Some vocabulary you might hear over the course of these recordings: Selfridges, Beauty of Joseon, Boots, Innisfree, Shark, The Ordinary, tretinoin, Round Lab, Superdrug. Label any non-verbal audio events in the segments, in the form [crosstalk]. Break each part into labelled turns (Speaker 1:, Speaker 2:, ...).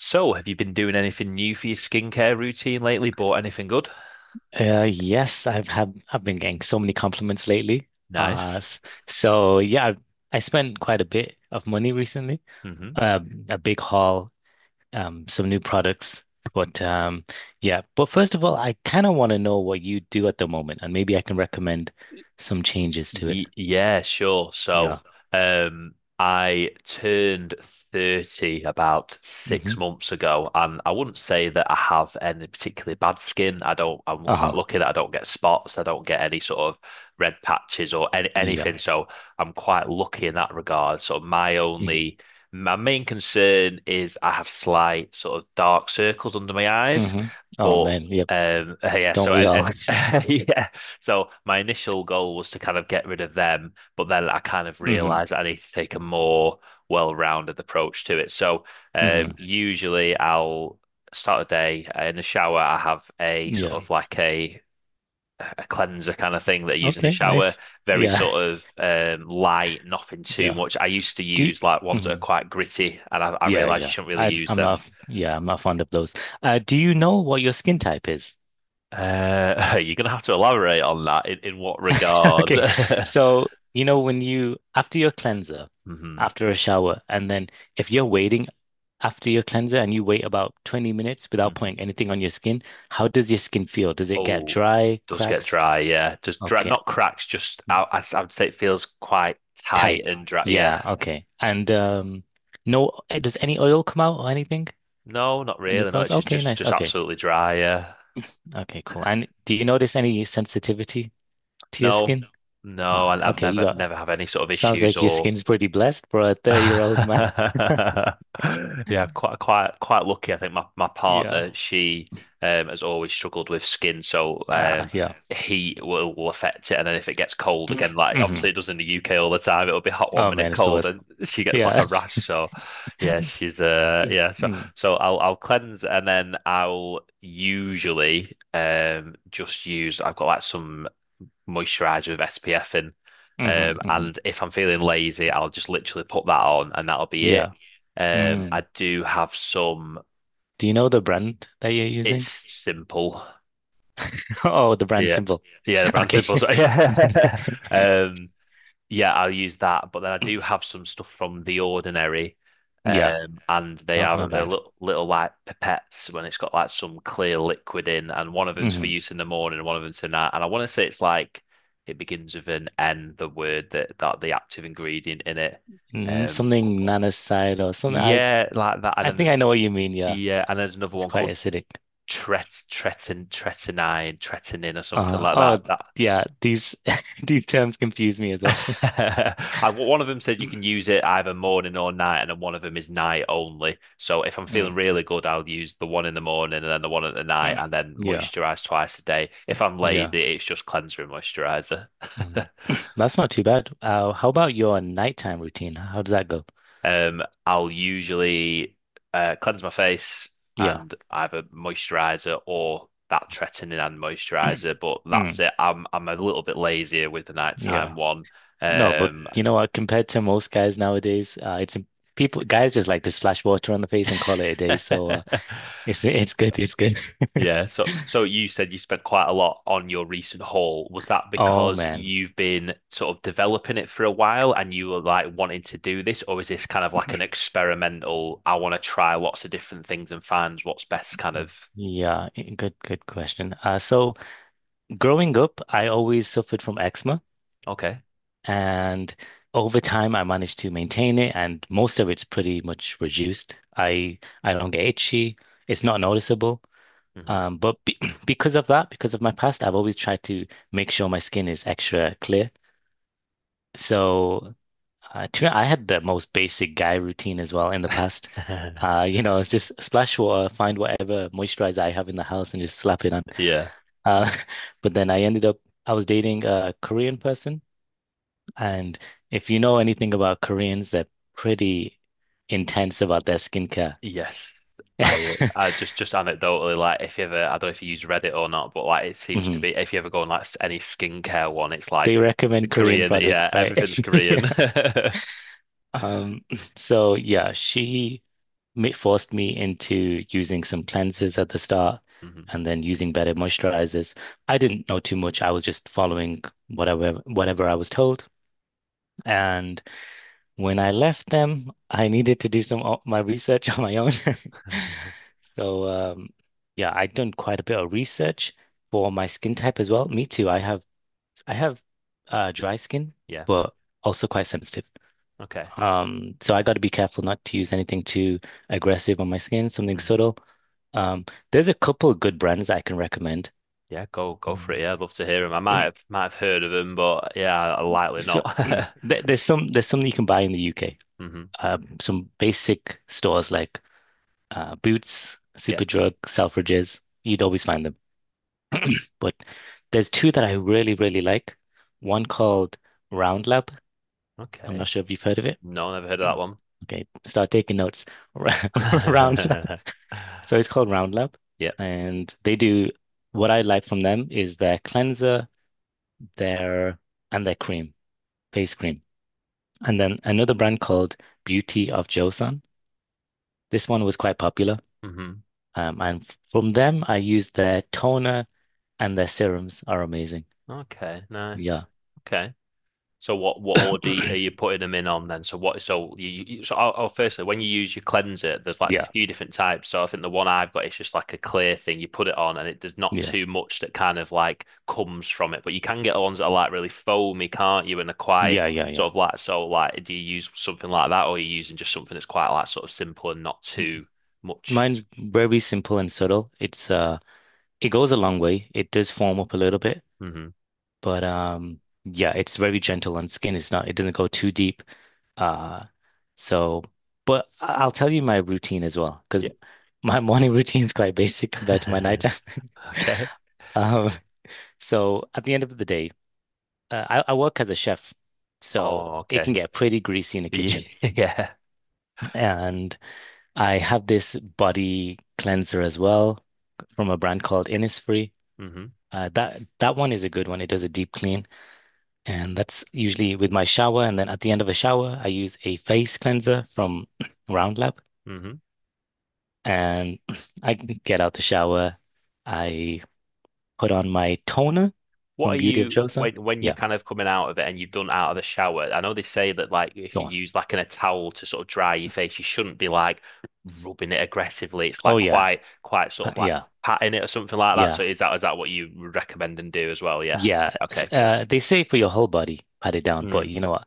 Speaker 1: So, have you been doing anything new for your skincare routine lately? Bought anything good?
Speaker 2: Yes, I've been getting so many compliments lately. Uh,
Speaker 1: Nice.
Speaker 2: s- so yeah, I spent quite a bit of money recently.
Speaker 1: Mm-hmm.
Speaker 2: A big haul, some new products. But Yeah. But first of all, I kind of want to know what you do at the moment, and maybe I can recommend some changes to it.
Speaker 1: Yeah, sure.
Speaker 2: Yeah.
Speaker 1: So, I turned 30 about six
Speaker 2: Mm-hmm.
Speaker 1: months ago, and I wouldn't say that I have any particularly bad skin. I don't, I'm quite
Speaker 2: Uh-huh.
Speaker 1: lucky that I don't get spots, I don't get any sort of red patches or any,
Speaker 2: Yeah.
Speaker 1: anything. So, I'm quite lucky in that regard. So,
Speaker 2: Mm-hmm.
Speaker 1: my main concern is I have slight sort of dark circles under my eyes,
Speaker 2: Mm-hmm. Oh
Speaker 1: but,
Speaker 2: man. Yep.
Speaker 1: [laughs] yeah,
Speaker 2: Don't
Speaker 1: so,
Speaker 2: we all? [laughs]
Speaker 1: [laughs] yeah. So my initial goal was to kind of get rid of them, but then I kind of
Speaker 2: Mm-hmm.
Speaker 1: realized I need to take a more well-rounded approach to it. So
Speaker 2: Mm-hmm.
Speaker 1: usually I'll start a day in the shower. I have a sort
Speaker 2: Yeah.
Speaker 1: of like a cleanser kind of thing that I use in the
Speaker 2: Okay.
Speaker 1: shower,
Speaker 2: Nice.
Speaker 1: very
Speaker 2: Yeah.
Speaker 1: sort
Speaker 2: [laughs]
Speaker 1: of light, nothing too
Speaker 2: Yeah.
Speaker 1: much. I used to
Speaker 2: Do.
Speaker 1: use like ones that are
Speaker 2: Mm-hmm.
Speaker 1: quite gritty, and I
Speaker 2: Yeah,
Speaker 1: realized you
Speaker 2: yeah.
Speaker 1: shouldn't really use them.
Speaker 2: I'm not fond of those. Do you know what your skin type is?
Speaker 1: [laughs] You're gonna have to elaborate on that in what
Speaker 2: [laughs]
Speaker 1: regard?
Speaker 2: Okay.
Speaker 1: [laughs]
Speaker 2: So, when you after your cleanser,
Speaker 1: Hmm.
Speaker 2: after a shower, and then if you're waiting after your cleanser and you wait about 20 minutes without
Speaker 1: Hmm.
Speaker 2: putting anything on your skin, how does your skin feel? Does it get
Speaker 1: Oh,
Speaker 2: dry,
Speaker 1: does get
Speaker 2: cracks?
Speaker 1: dry, yeah. Just dry,
Speaker 2: Okay.
Speaker 1: not cracks, just I would say it feels quite tight
Speaker 2: Tight.
Speaker 1: and dry. Yeah.
Speaker 2: Yeah, okay. And no eh, does any oil come out or anything
Speaker 1: No, not
Speaker 2: on your
Speaker 1: really. No,
Speaker 2: pores?
Speaker 1: it's just
Speaker 2: Okay,
Speaker 1: just
Speaker 2: nice.
Speaker 1: just
Speaker 2: Okay.
Speaker 1: absolutely dry. Yeah.
Speaker 2: Okay, cool. And do you notice any sensitivity to your
Speaker 1: No,
Speaker 2: skin?
Speaker 1: no,
Speaker 2: Oh,
Speaker 1: I've
Speaker 2: okay. Oh, you
Speaker 1: never
Speaker 2: got
Speaker 1: never have any sort of
Speaker 2: sounds
Speaker 1: issues
Speaker 2: like your
Speaker 1: or
Speaker 2: skin's pretty blessed for a 30-year-old man. [laughs]
Speaker 1: [laughs] yeah, quite lucky. I think my
Speaker 2: Yeah.
Speaker 1: partner, she has always struggled with skin, so
Speaker 2: Ah, yeah.
Speaker 1: heat will affect it and then if it gets cold again,
Speaker 2: [laughs] [clears throat]
Speaker 1: like
Speaker 2: hmm
Speaker 1: obviously it does in the UK all the time, it'll be hot one
Speaker 2: Oh
Speaker 1: minute
Speaker 2: man, it's the
Speaker 1: cold
Speaker 2: worst.
Speaker 1: and she gets like
Speaker 2: Yeah.
Speaker 1: a
Speaker 2: [laughs]
Speaker 1: rash. So yeah, she's yeah, so
Speaker 2: Mm,
Speaker 1: so I'll cleanse and then I'll usually just use I've got like some moisturizer with SPF in.
Speaker 2: mhm, mhm.
Speaker 1: And if I'm feeling lazy, I'll just literally put that on and that'll be it.
Speaker 2: Yeah. Mm.
Speaker 1: I do have some,
Speaker 2: Do you know the brand that you're
Speaker 1: it's
Speaker 2: using?
Speaker 1: simple.
Speaker 2: [laughs] Oh, the brand
Speaker 1: Yeah.
Speaker 2: symbol.
Speaker 1: Yeah, the
Speaker 2: [laughs]
Speaker 1: brand simple.
Speaker 2: Okay.
Speaker 1: So,
Speaker 2: [laughs]
Speaker 1: yeah. [laughs] Um, yeah, I'll use that. But then I do have some stuff from The Ordinary,
Speaker 2: Yeah.
Speaker 1: and they
Speaker 2: Not
Speaker 1: are
Speaker 2: not yeah,
Speaker 1: they're
Speaker 2: bad.
Speaker 1: little like pipettes when it's got like some clear liquid in, and one of them's for
Speaker 2: Hmm
Speaker 1: use in the morning, and one of them's for night. And I want to say it's like it begins with an N, the word that the active ingredient in it.
Speaker 2: Mm,
Speaker 1: Um,
Speaker 2: something nanoside or something.
Speaker 1: yeah, like that.
Speaker 2: I think I know what you mean. Yeah.
Speaker 1: And there's another
Speaker 2: It's
Speaker 1: one
Speaker 2: quite
Speaker 1: called
Speaker 2: acidic.
Speaker 1: tretinin or something like
Speaker 2: Oh
Speaker 1: that.
Speaker 2: yeah. These [laughs] these terms confuse me as well. [laughs]
Speaker 1: [laughs]
Speaker 2: [clears throat]
Speaker 1: And one of them said you can use it either morning or night, and then one of them is night only. So if I'm feeling
Speaker 2: Mm.
Speaker 1: really good, I'll use the one in the morning and then the one at the night, and then
Speaker 2: Yeah.
Speaker 1: moisturize twice a day. If I'm
Speaker 2: Yeah.
Speaker 1: lazy,
Speaker 2: Like,
Speaker 1: it's just cleanser and moisturizer. [laughs]
Speaker 2: Mm. [clears throat] That's not too bad. How about your nighttime routine? How does that go?
Speaker 1: I'll usually cleanse my face
Speaker 2: Yeah.
Speaker 1: and either moisturizer or that tretinoin and moisturizer, but that's
Speaker 2: Mm.
Speaker 1: it. I'm a little bit lazier with the nighttime
Speaker 2: Yeah.
Speaker 1: one.
Speaker 2: No, but
Speaker 1: Um,
Speaker 2: you know what? Compared to most guys nowadays, it's people guys just like to splash water on the face and call it a day. So
Speaker 1: [laughs]
Speaker 2: it's good. It's good. [laughs]
Speaker 1: Yeah, so you said you spent quite a lot on your recent haul. Was that
Speaker 2: Oh
Speaker 1: because
Speaker 2: man.
Speaker 1: you've been sort of developing it for a while and you were like wanting to do this, or is this kind of like an experimental, I want to try lots of different things and find what's best kind of.
Speaker 2: Yeah, good good question. So growing up, I always suffered from eczema.
Speaker 1: Okay.
Speaker 2: And over time, I managed to maintain it, and most of it's pretty much reduced. I don't get itchy. It's not noticeable.
Speaker 1: Hmm.
Speaker 2: But be [clears throat] because of that, because of my past, I've always tried to make sure my skin is extra clear. So I had the most basic guy routine as well in the past.
Speaker 1: [laughs]
Speaker 2: You know, it's just splash water, find whatever moisturizer I have in the house, and just slap it on.
Speaker 1: Yeah.
Speaker 2: Uh, [laughs] but then I was dating a Korean person. And if you know anything about Koreans, they're pretty intense about their skincare. [laughs]
Speaker 1: Yes. I just anecdotally like if you ever I don't know if you use Reddit or not, but like it seems to
Speaker 2: Mhm.
Speaker 1: be if you ever go on like any skincare one, it's
Speaker 2: They
Speaker 1: like the
Speaker 2: recommend Korean
Speaker 1: Korean, yeah,
Speaker 2: products, right?
Speaker 1: everything's
Speaker 2: [laughs] Yeah.
Speaker 1: Korean. [laughs]
Speaker 2: Um, so yeah, she forced me into using some cleansers at the start
Speaker 1: Mhm.
Speaker 2: and then using better moisturizers. I didn't know too much. I was just following whatever I was told. And when I left them, I needed to do some my research [laughs] on my own. [laughs]
Speaker 1: [laughs]
Speaker 2: So, yeah, I'd done quite a bit of research for my skin type as well. Me too. I have dry skin,
Speaker 1: Yeah.
Speaker 2: but also quite sensitive.
Speaker 1: Okay.
Speaker 2: So I got to be careful not to use anything too aggressive on my skin, something
Speaker 1: Mm.
Speaker 2: subtle. Um, there's a couple of good brands that I can recommend.
Speaker 1: Yeah, go for it.
Speaker 2: Um,
Speaker 1: Yeah, I'd love to hear him. I might have heard of him, but yeah, I likely
Speaker 2: so
Speaker 1: not. [laughs]
Speaker 2: [clears throat] there's some that you can buy in the UK.
Speaker 1: Hmm.
Speaker 2: Some basic stores like Boots,
Speaker 1: Yeah.
Speaker 2: Superdrug, Selfridges. You'd always find them. But there's two that I really, really like. One called Round Lab. I'm not
Speaker 1: Okay.
Speaker 2: sure if you've heard of it.
Speaker 1: No, never heard of that one.
Speaker 2: Okay, start taking notes. [laughs] Round Lab.
Speaker 1: [laughs]
Speaker 2: So it's called Round Lab,
Speaker 1: Yep.
Speaker 2: and they do what I like from them is their cleanser, their and their cream, face cream. And then another brand called Beauty of Joseon. This one was quite popular.
Speaker 1: Hmm.
Speaker 2: And from them, I used their toner, and their serums are amazing.
Speaker 1: Okay. Nice.
Speaker 2: Yeah.
Speaker 1: Okay. So what order are you
Speaker 2: [clears throat]
Speaker 1: putting them in on then? So I'll firstly when you use your cleanser, there's like a
Speaker 2: Yeah.
Speaker 1: few different types. So I think the one I've got is just like a clear thing. You put it on and it there's not
Speaker 2: Yeah.
Speaker 1: too much that kind of like comes from it. But you can get the ones that are like really foamy, can't you? And they're quite
Speaker 2: Yeah. Yeah. Yeah.
Speaker 1: sort of like so like do you use something like that or are you using just something that's quite like sort of simple and not
Speaker 2: M-
Speaker 1: too much?
Speaker 2: Mine's very simple and subtle. It's it goes a long way. It does foam up a little bit,
Speaker 1: Hmm.
Speaker 2: but yeah, it's very gentle on skin. It doesn't go too deep. Uh so but I'll tell you my routine as well, because
Speaker 1: Yeah.
Speaker 2: my [laughs] morning routine is quite basic compared to my nighttime.
Speaker 1: [laughs]
Speaker 2: [laughs]
Speaker 1: Okay.
Speaker 2: Um, so at the end of the day, I work as a chef, so
Speaker 1: Oh,
Speaker 2: it can
Speaker 1: okay.
Speaker 2: get pretty greasy in the
Speaker 1: [laughs] Yeah.
Speaker 2: kitchen.
Speaker 1: Yeah.
Speaker 2: And I have this body cleanser as well from a brand called Innisfree.
Speaker 1: Hmm.
Speaker 2: That that one is a good one. It does a deep clean, and that's usually with my shower. And then at the end of a shower, I use a face cleanser from [clears throat] Roundlab, and I get out the shower. I put on my toner
Speaker 1: What
Speaker 2: from
Speaker 1: are
Speaker 2: Beauty of
Speaker 1: you
Speaker 2: Joseon.
Speaker 1: When you're
Speaker 2: Yeah,
Speaker 1: kind of coming out of it and you've done out of the shower? I know they say that like if
Speaker 2: go
Speaker 1: you
Speaker 2: on.
Speaker 1: use like in a towel to sort of dry your face, you shouldn't be like rubbing it aggressively. It's
Speaker 2: Oh
Speaker 1: like
Speaker 2: yeah,
Speaker 1: quite sort of like
Speaker 2: Yeah,
Speaker 1: patting it or something like that.
Speaker 2: yeah,
Speaker 1: So is that what you would recommend and do as well? Yeah.
Speaker 2: yeah.
Speaker 1: Okay, cool.
Speaker 2: They say for your whole body, pat it down, but
Speaker 1: Hmm.
Speaker 2: you know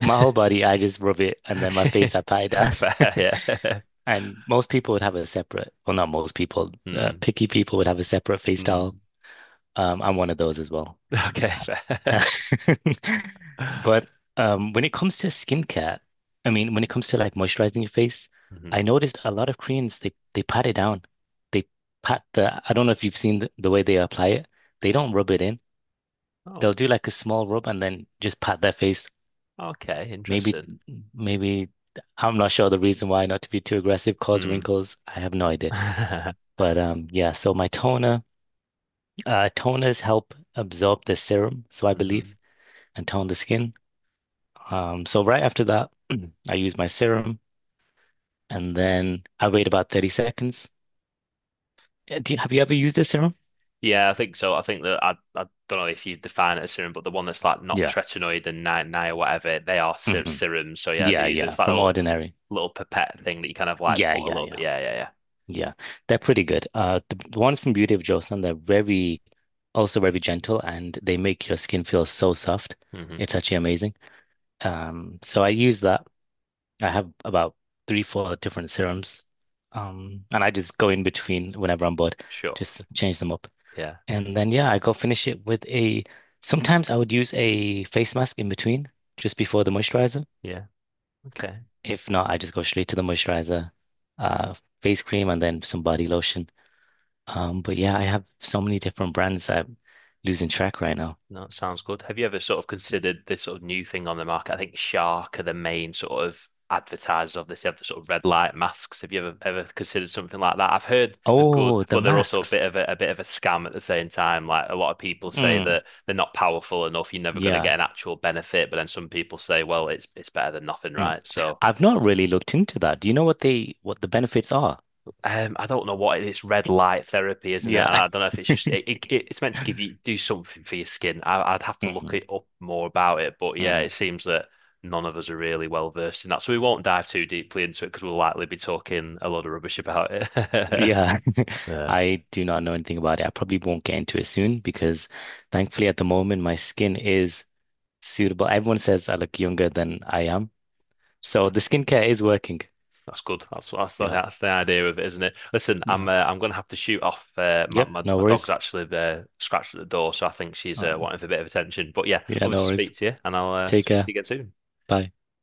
Speaker 2: my whole body, I just rub it, and then my face, I pat it
Speaker 1: [laughs]
Speaker 2: down. [laughs]
Speaker 1: Fair, yeah. [laughs]
Speaker 2: And most people would have a separate, well, not most people,
Speaker 1: Hmm.
Speaker 2: picky people would have a separate face towel.
Speaker 1: Hmm.
Speaker 2: I'm one of those as well.
Speaker 1: Okay, fair. [laughs]
Speaker 2: [laughs] But when it comes to skincare, I mean, when it comes to like moisturizing your face, I
Speaker 1: Mhm.
Speaker 2: noticed a lot of Koreans they pat it down. They pat the, I don't know if you've seen the way they apply it. They don't rub it in. They'll
Speaker 1: Oh,
Speaker 2: do like a small rub and then just pat their face.
Speaker 1: okay,
Speaker 2: Maybe,
Speaker 1: interesting.
Speaker 2: maybe I'm not sure the reason why, not to be too aggressive, cause
Speaker 1: Hmm.
Speaker 2: wrinkles. I have no idea.
Speaker 1: [laughs]
Speaker 2: But yeah. So my toner, toners help absorb the serum, so I believe,
Speaker 1: Mhm.
Speaker 2: and tone the skin. So right after that, [clears throat] I use my serum, and then I wait about 30 seconds. Have you ever used this serum?
Speaker 1: Yeah, I think so. I think that I don't know if you define it as serum, but the one that's like not
Speaker 2: Yeah.
Speaker 1: tretinoid and ni or whatever, they are ser
Speaker 2: hmm
Speaker 1: serums. So yeah, they
Speaker 2: Yeah,
Speaker 1: use it.
Speaker 2: yeah.
Speaker 1: It's like a
Speaker 2: From
Speaker 1: little
Speaker 2: Ordinary.
Speaker 1: little pipette thing that you kind of like
Speaker 2: Yeah,
Speaker 1: put a
Speaker 2: yeah,
Speaker 1: little bit.
Speaker 2: yeah.
Speaker 1: Yeah, yeah,
Speaker 2: Yeah, they're pretty good. The ones from Beauty of Joseon, they're very, also very gentle, and they make your skin feel so soft.
Speaker 1: yeah. Hmm.
Speaker 2: It's actually amazing. So I use that. I have about three, four different serums, and I just go in between whenever I'm bored,
Speaker 1: Sure.
Speaker 2: just change them up,
Speaker 1: Yeah,
Speaker 2: and then yeah, I go finish it with a. Sometimes I would use a face mask in between, just before the moisturizer.
Speaker 1: yeah. Okay.
Speaker 2: If not, I just go straight to the moisturizer, uh, face cream, and then some body lotion. But yeah, I have so many different brands that I'm losing track right now.
Speaker 1: No, it sounds good. Have you ever sort of considered this sort of new thing on the market? I think Shark are the main sort of advertisers of this. They have the sort of red light masks. Have you ever considered something like that? I've heard the good,
Speaker 2: Oh, the
Speaker 1: but they're also a bit
Speaker 2: masks.
Speaker 1: of a, a bit of a scam at the same time. Like a lot of people say
Speaker 2: Mm,
Speaker 1: that they're not powerful enough, you're never going to get
Speaker 2: yeah.
Speaker 1: an actual benefit, but then some people say, well, it's better than nothing,
Speaker 2: Mm.
Speaker 1: right? So
Speaker 2: I've not really looked into that. Do you know what they what the benefits are?
Speaker 1: I don't know what it is. Red light therapy, isn't it? And
Speaker 2: Yeah.
Speaker 1: I don't know if it's just
Speaker 2: [laughs]
Speaker 1: It's meant to give you do something for your skin. I'd have to look
Speaker 2: hmm
Speaker 1: it up more about it. But yeah,
Speaker 2: hmm
Speaker 1: it seems that none of us are really well versed in that, so we won't dive too deeply into it because we'll likely be talking a lot of rubbish about it. [laughs]
Speaker 2: Yeah, [laughs]
Speaker 1: Yeah,
Speaker 2: I do not know anything about it. I probably won't get into it soon because thankfully at the moment my skin is suitable. Everyone says I look younger than I am.
Speaker 1: that's good.
Speaker 2: So the skincare is working.
Speaker 1: That's good. That's the,
Speaker 2: Yeah.
Speaker 1: that's the idea of it, isn't it? Listen, I'm
Speaker 2: Yeah.
Speaker 1: uh, I'm gonna have to shoot off. My,
Speaker 2: Yep.
Speaker 1: my
Speaker 2: No
Speaker 1: my dog's
Speaker 2: worries.
Speaker 1: actually scratched at the door, so I think she's
Speaker 2: All right.
Speaker 1: wanting for a bit of attention. But yeah,
Speaker 2: Yeah,
Speaker 1: lovely
Speaker 2: no
Speaker 1: to
Speaker 2: worries.
Speaker 1: speak to you, and I'll
Speaker 2: Take
Speaker 1: speak to you
Speaker 2: care.
Speaker 1: again soon.
Speaker 2: Bye.